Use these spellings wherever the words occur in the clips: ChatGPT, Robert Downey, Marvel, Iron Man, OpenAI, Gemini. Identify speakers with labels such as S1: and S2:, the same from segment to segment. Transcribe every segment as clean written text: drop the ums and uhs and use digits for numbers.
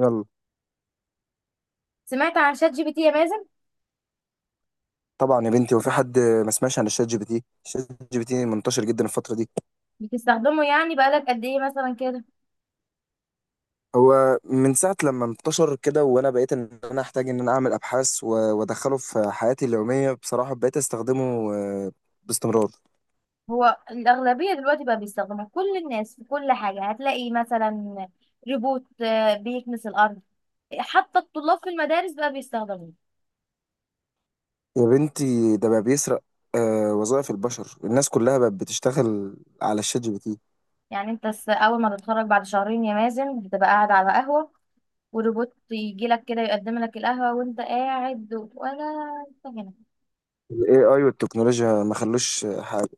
S1: يلا
S2: سمعت عن شات جي بي تي يا مازن؟
S1: طبعا يا بنتي، وفي حد ما سمعش عن الشات جي بي تي. الشات جي بي تي منتشر جدا الفتره دي.
S2: بتستخدمه يعني، بقالك قد ايه مثلا كده؟
S1: هو من ساعه لما انتشر كده وانا بقيت ان انا احتاج ان انا اعمل ابحاث وادخله في حياتي اليوميه. بصراحه بقيت استخدمه باستمرار.
S2: هو الأغلبية دلوقتي بقى بيستخدمه، كل الناس في كل حاجة. هتلاقي مثلا ريبوت بيكنس الأرض. حتى الطلاب في المدارس بقى بيستخدموه.
S1: يا بنتي ده بقى بيسرق وظائف البشر. الناس كلها بقت بتشتغل على الشات جي بي تي.
S2: يعني أول ما تتخرج بعد شهرين يا مازن، بتبقى قاعد على قهوة وريبوت يجي لك كده يقدم لك القهوة وانت قاعد ولا انت هنا.
S1: الاي اي والتكنولوجيا ما خلوش حاجه،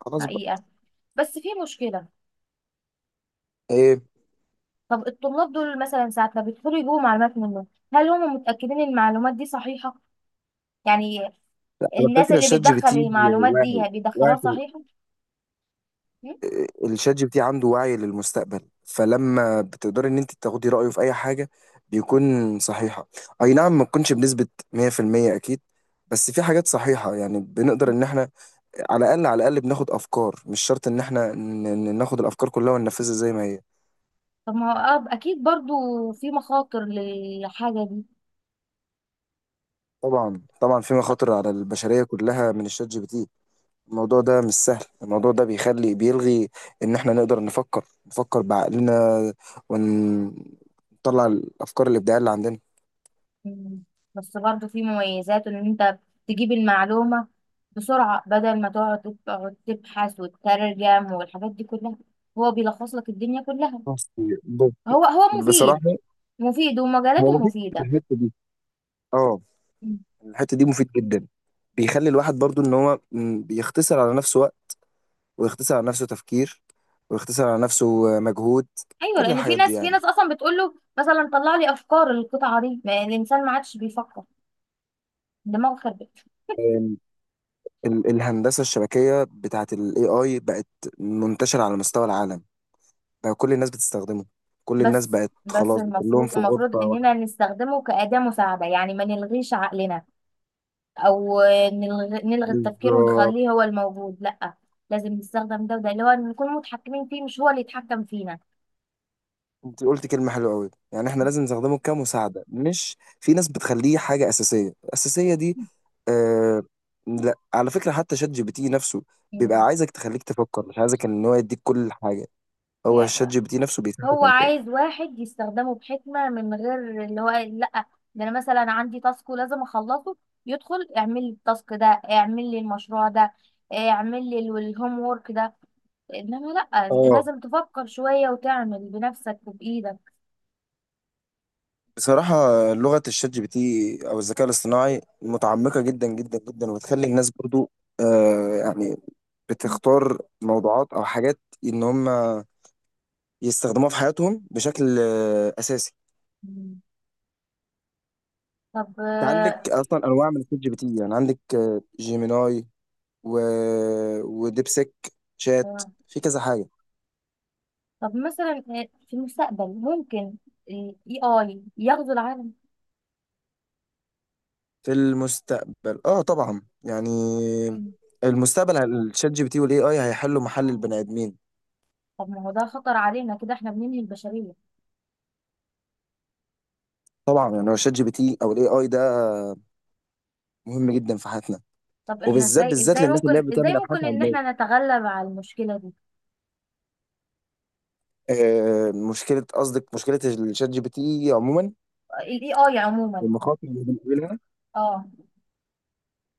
S1: خلاص بقى.
S2: حقيقة. بس في مشكلة.
S1: ايه؟
S2: طب الطلاب دول مثلا ساعة ما بيدخلوا يجيبوا معلومات منه، هل هم متأكدين إن المعلومات دي صحيحة؟ يعني
S1: على
S2: الناس
S1: فكره
S2: اللي
S1: الشات جي بي
S2: بتدخل
S1: تي
S2: المعلومات
S1: واعي،
S2: دي
S1: واعي.
S2: بيدخلوها صحيحة؟ م?
S1: الشات جي بي تي عنده وعي للمستقبل، فلما بتقدري ان انت تاخدي رايه في اي حاجه بيكون صحيحه. اي نعم، ما تكونش بنسبه 100%، اكيد، بس في حاجات صحيحه. يعني بنقدر ان احنا على الاقل، على الاقل بناخد افكار. مش شرط ان احنا ناخد الافكار كلها وننفذها زي ما هي.
S2: طب ما هو أكيد برضو في مخاطر للحاجة دي.
S1: طبعا طبعا في مخاطر على البشريه كلها من الشات جي بي تي. الموضوع ده مش سهل. الموضوع ده بيخلي، بيلغي ان احنا نقدر نفكر، نفكر بعقلنا ونطلع الافكار الابداعيه اللي عندنا.
S2: م. بس برضو في مميزات، إن أنت تجيب المعلومة بسرعة بدل ما تقعد تبحث وتترجم والحاجات دي كلها. هو بيلخص لك الدنيا كلها.
S1: بص،
S2: هو
S1: بصراحة
S2: مفيد، مفيد
S1: هو
S2: ومجالاته
S1: مفيد في
S2: مفيدة.
S1: الحتة دي. اه،
S2: م.
S1: الحتة دي مفيد جدا. بيخلي الواحد برضو ان هو بيختصر على نفسه وقت، ويختصر على نفسه تفكير، ويختصر على نفسه مجهود.
S2: أيوة،
S1: كل
S2: لأن في
S1: الحاجات دي
S2: ناس في
S1: يعني.
S2: ناس أصلا بتقول له مثلا طلع لي أفكار القطعة دي. ما الإنسان ما عادش بيفكر، دماغه خربت.
S1: آم، الهندسة الشبكية بتاعت ال AI بقت منتشرة على مستوى العالم. بقى كل الناس بتستخدمه. كل الناس
S2: بس
S1: بقت
S2: بس
S1: خلاص كلهم
S2: المفروض
S1: في
S2: المفروض
S1: غرفة
S2: اننا
S1: واحدة.
S2: نستخدمه كأداة مساعدة، يعني ما نلغيش عقلنا او نلغي التفكير
S1: بالظبط.
S2: ونخليه هو الموجود، لا. لازم نستخدم ده، وده اللي هو نكون متحكمين فيه مش هو اللي يتحكم فينا.
S1: انت قلت كلمة حلوة قوي. يعني احنا لازم نستخدمه كمساعدة، مش في ناس بتخليه حاجة أساسية. الأساسية دي، آه. لا، على فكرة حتى شات جي بي تي نفسه بيبقى
S2: مم.
S1: عايزك تخليك تفكر، مش عايزك ان هو يديك كل حاجة. هو الشات
S2: يعني
S1: جي بي تي نفسه بيساعدك
S2: هو
S1: على كده.
S2: عايز واحد يستخدمه بحكمة، من غير اللي هو لا، ده انا مثلا عندي تاسك ولازم اخلصه، يدخل اعمل لي التاسك ده، اعمل لي المشروع ده، اعمل لي الهوم وورك ده. انما لا،
S1: اه،
S2: لازم تفكر شوية وتعمل بنفسك وبإيدك.
S1: بصراحة لغة الشات جي بي تي أو الذكاء الاصطناعي متعمقة جدا جدا جدا، وبتخلي الناس برضو يعني بتختار موضوعات أو حاجات إن هم يستخدموها في حياتهم بشكل أساسي.
S2: مم. طب
S1: انت عندك اصلا انواع من الشات جي بي تي، يعني عندك جيميناي و... وديبسيك شات.
S2: آه،
S1: في كذا حاجه.
S2: طب مثلا في المستقبل ممكن الاي اي يغزو العالم؟
S1: في المستقبل اه طبعا يعني.
S2: مم.
S1: المستقبل الشات جي بي تي والاي اي هيحلوا محل البني ادمين.
S2: طب ما هو ده خطر علينا كده، احنا بننهي البشرية.
S1: طبعا يعني هو الشات جي بي تي او الاي اي ده مهم جدا في حياتنا،
S2: طب احنا
S1: وبالذات
S2: ازاي،
S1: بالذات
S2: ازاي
S1: للناس اللي
S2: ممكن
S1: هي
S2: ازاي
S1: بتعمل ابحاث
S2: ممكن ان
S1: علميه.
S2: احنا نتغلب على المشكلة دي؟
S1: مشكله؟ قصدك مشكله الشات جي بي تي عموما
S2: الاي اي عموما.
S1: والمخاطر اللي بنقابلها.
S2: اه.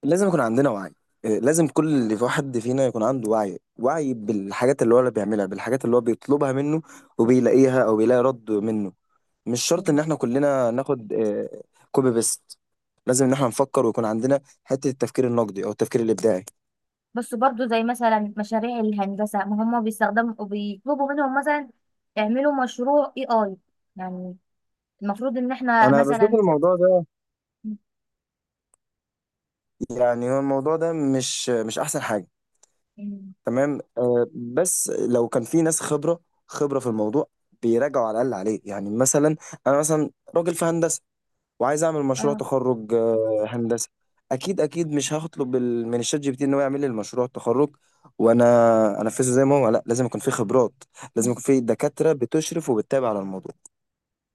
S1: لازم يكون عندنا وعي. لازم كل اللي في واحد فينا يكون عنده وعي، وعي بالحاجات اللي هو اللي بيعملها، بالحاجات اللي هو بيطلبها منه وبيلاقيها او بيلاقي رد منه. مش شرط ان
S2: مم.
S1: احنا كلنا ناخد كوبي بيست. لازم ان احنا نفكر ويكون عندنا حتة التفكير النقدي او التفكير الابداعي.
S2: بس برضو زي مثلا مشاريع الهندسة، ما هم بيستخدموا، بيطلبوا منهم مثلا اعملوا مشروع اي اي. يعني المفروض ان احنا
S1: انا بشوف
S2: مثلا.
S1: الموضوع ده، يعني هو الموضوع ده مش مش احسن حاجة. تمام بس لو كان في ناس خبرة، خبرة في الموضوع، بيراجعوا على الاقل عليه. يعني مثلا انا مثلا راجل في هندسة وعايز اعمل مشروع
S2: اه.
S1: تخرج هندسي، اكيد اكيد مش هطلب من الشات جي بي تي ان هو يعمل لي المشروع التخرج وانا انفذه زي ما هو. لا، لازم يكون في خبرات، لازم يكون في دكاترة بتشرف وبتتابع على الموضوع.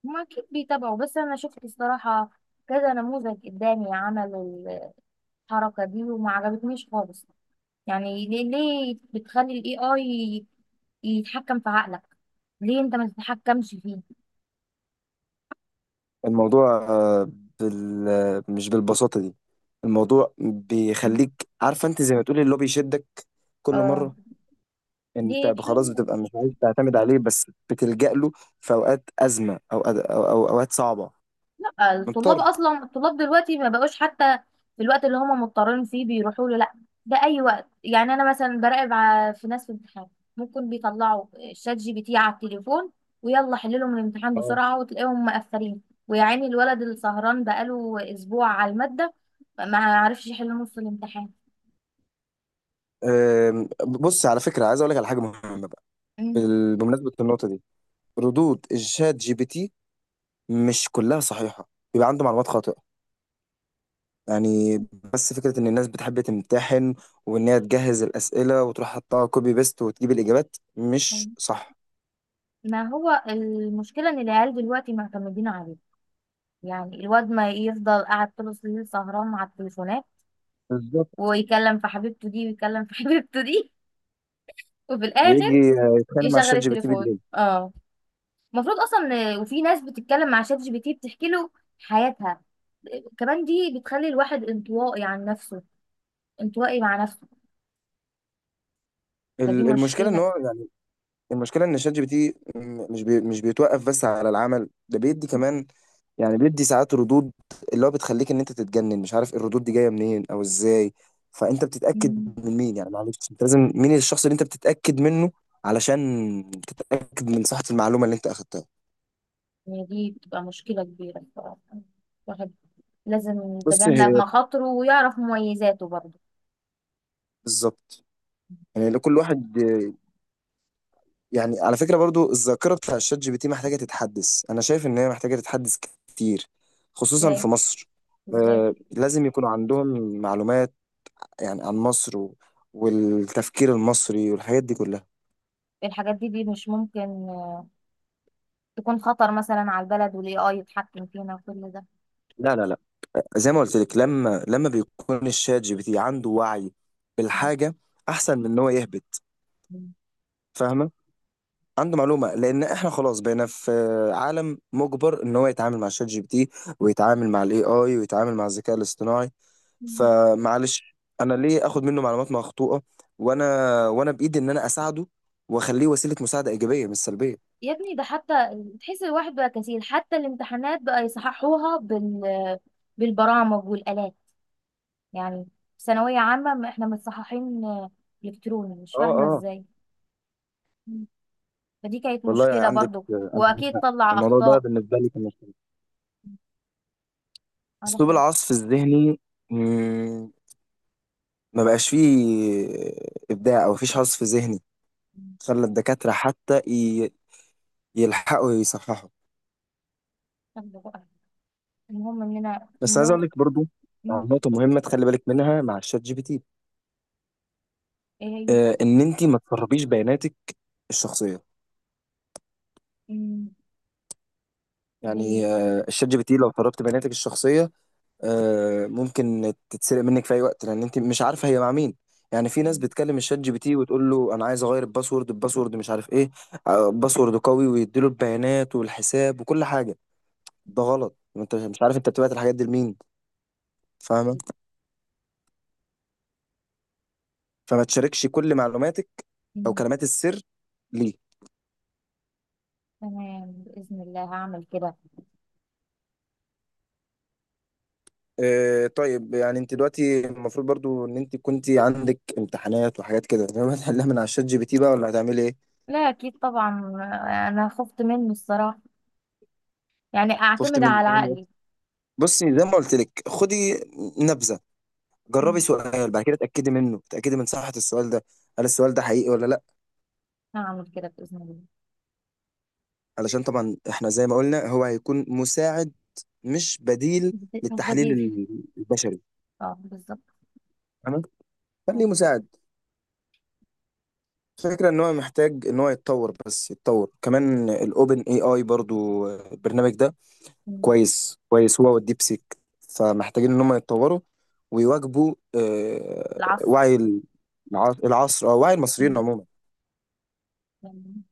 S2: ما اكيد بيتابعوا، بس انا شفت الصراحه كذا نموذج قدامي عمل الحركه دي وما عجبتنيش خالص. يعني ليه بتخلي الاي اي يتحكم في عقلك؟ ليه انت ما تتحكمش فيه؟
S1: الموضوع مش بالبساطة دي. الموضوع بيخليك عارفة انت، زي ما تقولي اللي هو بيشدك كل
S2: اه.
S1: مرة.
S2: دي
S1: انت خلاص
S2: حاجه.
S1: بتبقى مش عايز تعتمد عليه، بس بتلجأ له في اوقات أزمة، او اوقات صعبة،
S2: الطلاب
S1: مضطر.
S2: اصلا، الطلاب دلوقتي ما بقوش حتى في الوقت اللي هم مضطرين فيه بيروحوا له، لا، ده اي وقت. يعني انا مثلا براقب في ناس في امتحان، ممكن بيطلعوا شات جي بي تي على التليفون ويلا حللهم الامتحان بسرعه، وتلاقيهم مقفلين. ويا عيني الولد اللي سهران بقاله اسبوع على الماده ما عرفش يحل نص الامتحان.
S1: بص، على فكرة عايز اقول لك على حاجة مهمة بقى.
S2: مم.
S1: بمناسبة النقطة دي، ردود الشات جي بي تي مش كلها صحيحة، بيبقى عنده معلومات خاطئة يعني. بس فكرة ان الناس بتحب تمتحن وان هي تجهز الأسئلة وتروح حطها كوبي بيست وتجيب الإجابات مش صح.
S2: ما هو المشكله ان العيال دلوقتي معتمدين عليه. يعني الواد ما يفضل قاعد طول الليل سهران على التليفونات،
S1: بالظبط.
S2: ويكلم في حبيبته دي وفي
S1: ويجي
S2: الاخر
S1: يتخانق مع
S2: يشغل
S1: الشات جي بي تي
S2: التليفون.
S1: بالليل.
S2: اه. المفروض اصلا وفي ناس بتتكلم مع شات جي بي تي بتحكي له حياتها كمان. دي بتخلي الواحد انطوائي عن نفسه، انطوائي مع نفسه. فدي
S1: المشكلة ان
S2: مشكلة.
S1: هو يعني، المشكلة ان الشات جي بي تي مش بيتوقف بس على العمل ده، بيدي كمان، يعني بيدي ساعات ردود اللي هو بتخليك ان انت تتجنن، مش عارف الردود دي جايه منين او ازاي. فانت بتتاكد
S2: مم.
S1: من مين؟ يعني معلش، انت لازم مين الشخص اللي انت بتتاكد منه علشان تتاكد من صحه المعلومه اللي انت اخدتها.
S2: يعني دي بتبقى مشكلة كبيرة بصراحة. الواحد لازم
S1: بص
S2: يتجنب
S1: هي
S2: مخاطره ويعرف مميزاته برضه.
S1: بالظبط. يعني كل واحد، يعني على فكره برضو الذاكره بتاع الشات جي بي تي محتاجه تتحدث. انا شايف ان هي محتاجه تتحدث كتير، خصوصا
S2: ازاي؟
S1: في مصر.
S2: ازاي؟
S1: لازم يكونوا عندهم معلومات يعني عن مصر والتفكير المصري والحاجات دي كلها.
S2: الحاجات دي دي مش ممكن آه، تكون خطر مثلا على البلد والاي اي يتحكم فينا وكل ده؟
S1: لا لا لا، زي ما قلت لك، لما بيكون الشات جي بي تي عنده وعي بالحاجه احسن من ان هو يهبط. فاهمه؟ عنده معلومه. لان احنا خلاص بقينا في عالم مجبر ان هو يتعامل مع الشات جي بي تي، ويتعامل مع الاي اي، ويتعامل مع الذكاء الاصطناعي.
S2: مم.
S1: فمعلش، انا ليه اخد منه معلومات مخطوطه وانا، وانا بايدي ان انا اساعده واخليه وسيله مساعده ايجابيه مش سلبيه.
S2: يا ابني ده حتى تحس الواحد بقى كسيل، حتى الامتحانات بقى يصححوها بالبرامج والآلات. يعني في ثانوية عامة ما احنا متصححين إلكتروني، مش
S1: اه
S2: فاهمة
S1: اه،
S2: ازاي. مم. فدي كانت
S1: والله
S2: مشكلة
S1: عندك،
S2: برضو.
S1: عندك
S2: وأكيد
S1: حق.
S2: طلع
S1: الموضوع ده
S2: أخطاء.
S1: بالنسبه لي كان مشكلة.
S2: على
S1: اسلوب
S2: خير.
S1: العصف الذهني ما بقاش فيه ابداع، او مفيش عصف ذهني.
S2: مم.
S1: خلى الدكاتره حتى يلحقوا يصححوا.
S2: يلا بقى، المهم إننا
S1: بس عايز اقول
S2: إنه.
S1: لك برضو
S2: مم.
S1: على نقطه مهمه تخلي بالك منها مع الشات جي بي تي.
S2: إيه هي؟
S1: ان انت ما تسربيش بياناتك الشخصيه.
S2: مم. دي.
S1: يعني الشات جي بي تي لو سربت بياناتك الشخصيه ممكن تتسرق منك في اي وقت، لان انت مش عارفه هي مع مين. يعني في ناس
S2: مم.
S1: بتكلم الشات جي بي تي وتقول له انا عايز اغير الباسورد، الباسورد مش عارف ايه، باسورد قوي، ويديله البيانات والحساب وكل حاجه. ده غلط. انت مش عارف انت بتبعت الحاجات دي لمين. فاهمه؟ فما تشاركش كل معلوماتك او
S2: مم.
S1: كلمات السر. ليه؟
S2: تمام، بإذن الله هعمل كده.
S1: طيب، يعني انت دلوقتي المفروض برضو ان انت كنت عندك امتحانات وحاجات كده، فاهمة؟ هتحلها من على الشات جي بي تي بقى ولا هتعملي ايه؟
S2: لا، أكيد طبعا. أنا خفت منه الصراحة. يعني
S1: خفت
S2: اعتمد
S1: من
S2: على
S1: إيه؟
S2: عقلي.
S1: بصي زي ما قلت لك، خدي نبذه. جربي
S2: مم.
S1: سؤال، بعد كده اتاكدي منه، اتاكدي من صحه السؤال ده، هل السؤال ده حقيقي ولا لا.
S2: هعمل كده باذن الله.
S1: علشان طبعا احنا زي ما قلنا هو هيكون مساعد، مش بديل
S2: مش
S1: للتحليل
S2: بديل.
S1: البشري.
S2: اه، بالظبط.
S1: تمام، خليه مساعد. الفكرة ان هو محتاج ان هو يتطور، بس يتطور كمان الاوبن اي اي برضو، البرنامج ده
S2: مم.
S1: كويس، كويس هو والديب سيك. فمحتاجين ان هم يتطوروا ويواكبوا
S2: العصر.
S1: وعي العصر او وعي المصريين
S2: مم.
S1: عموما
S2: يعني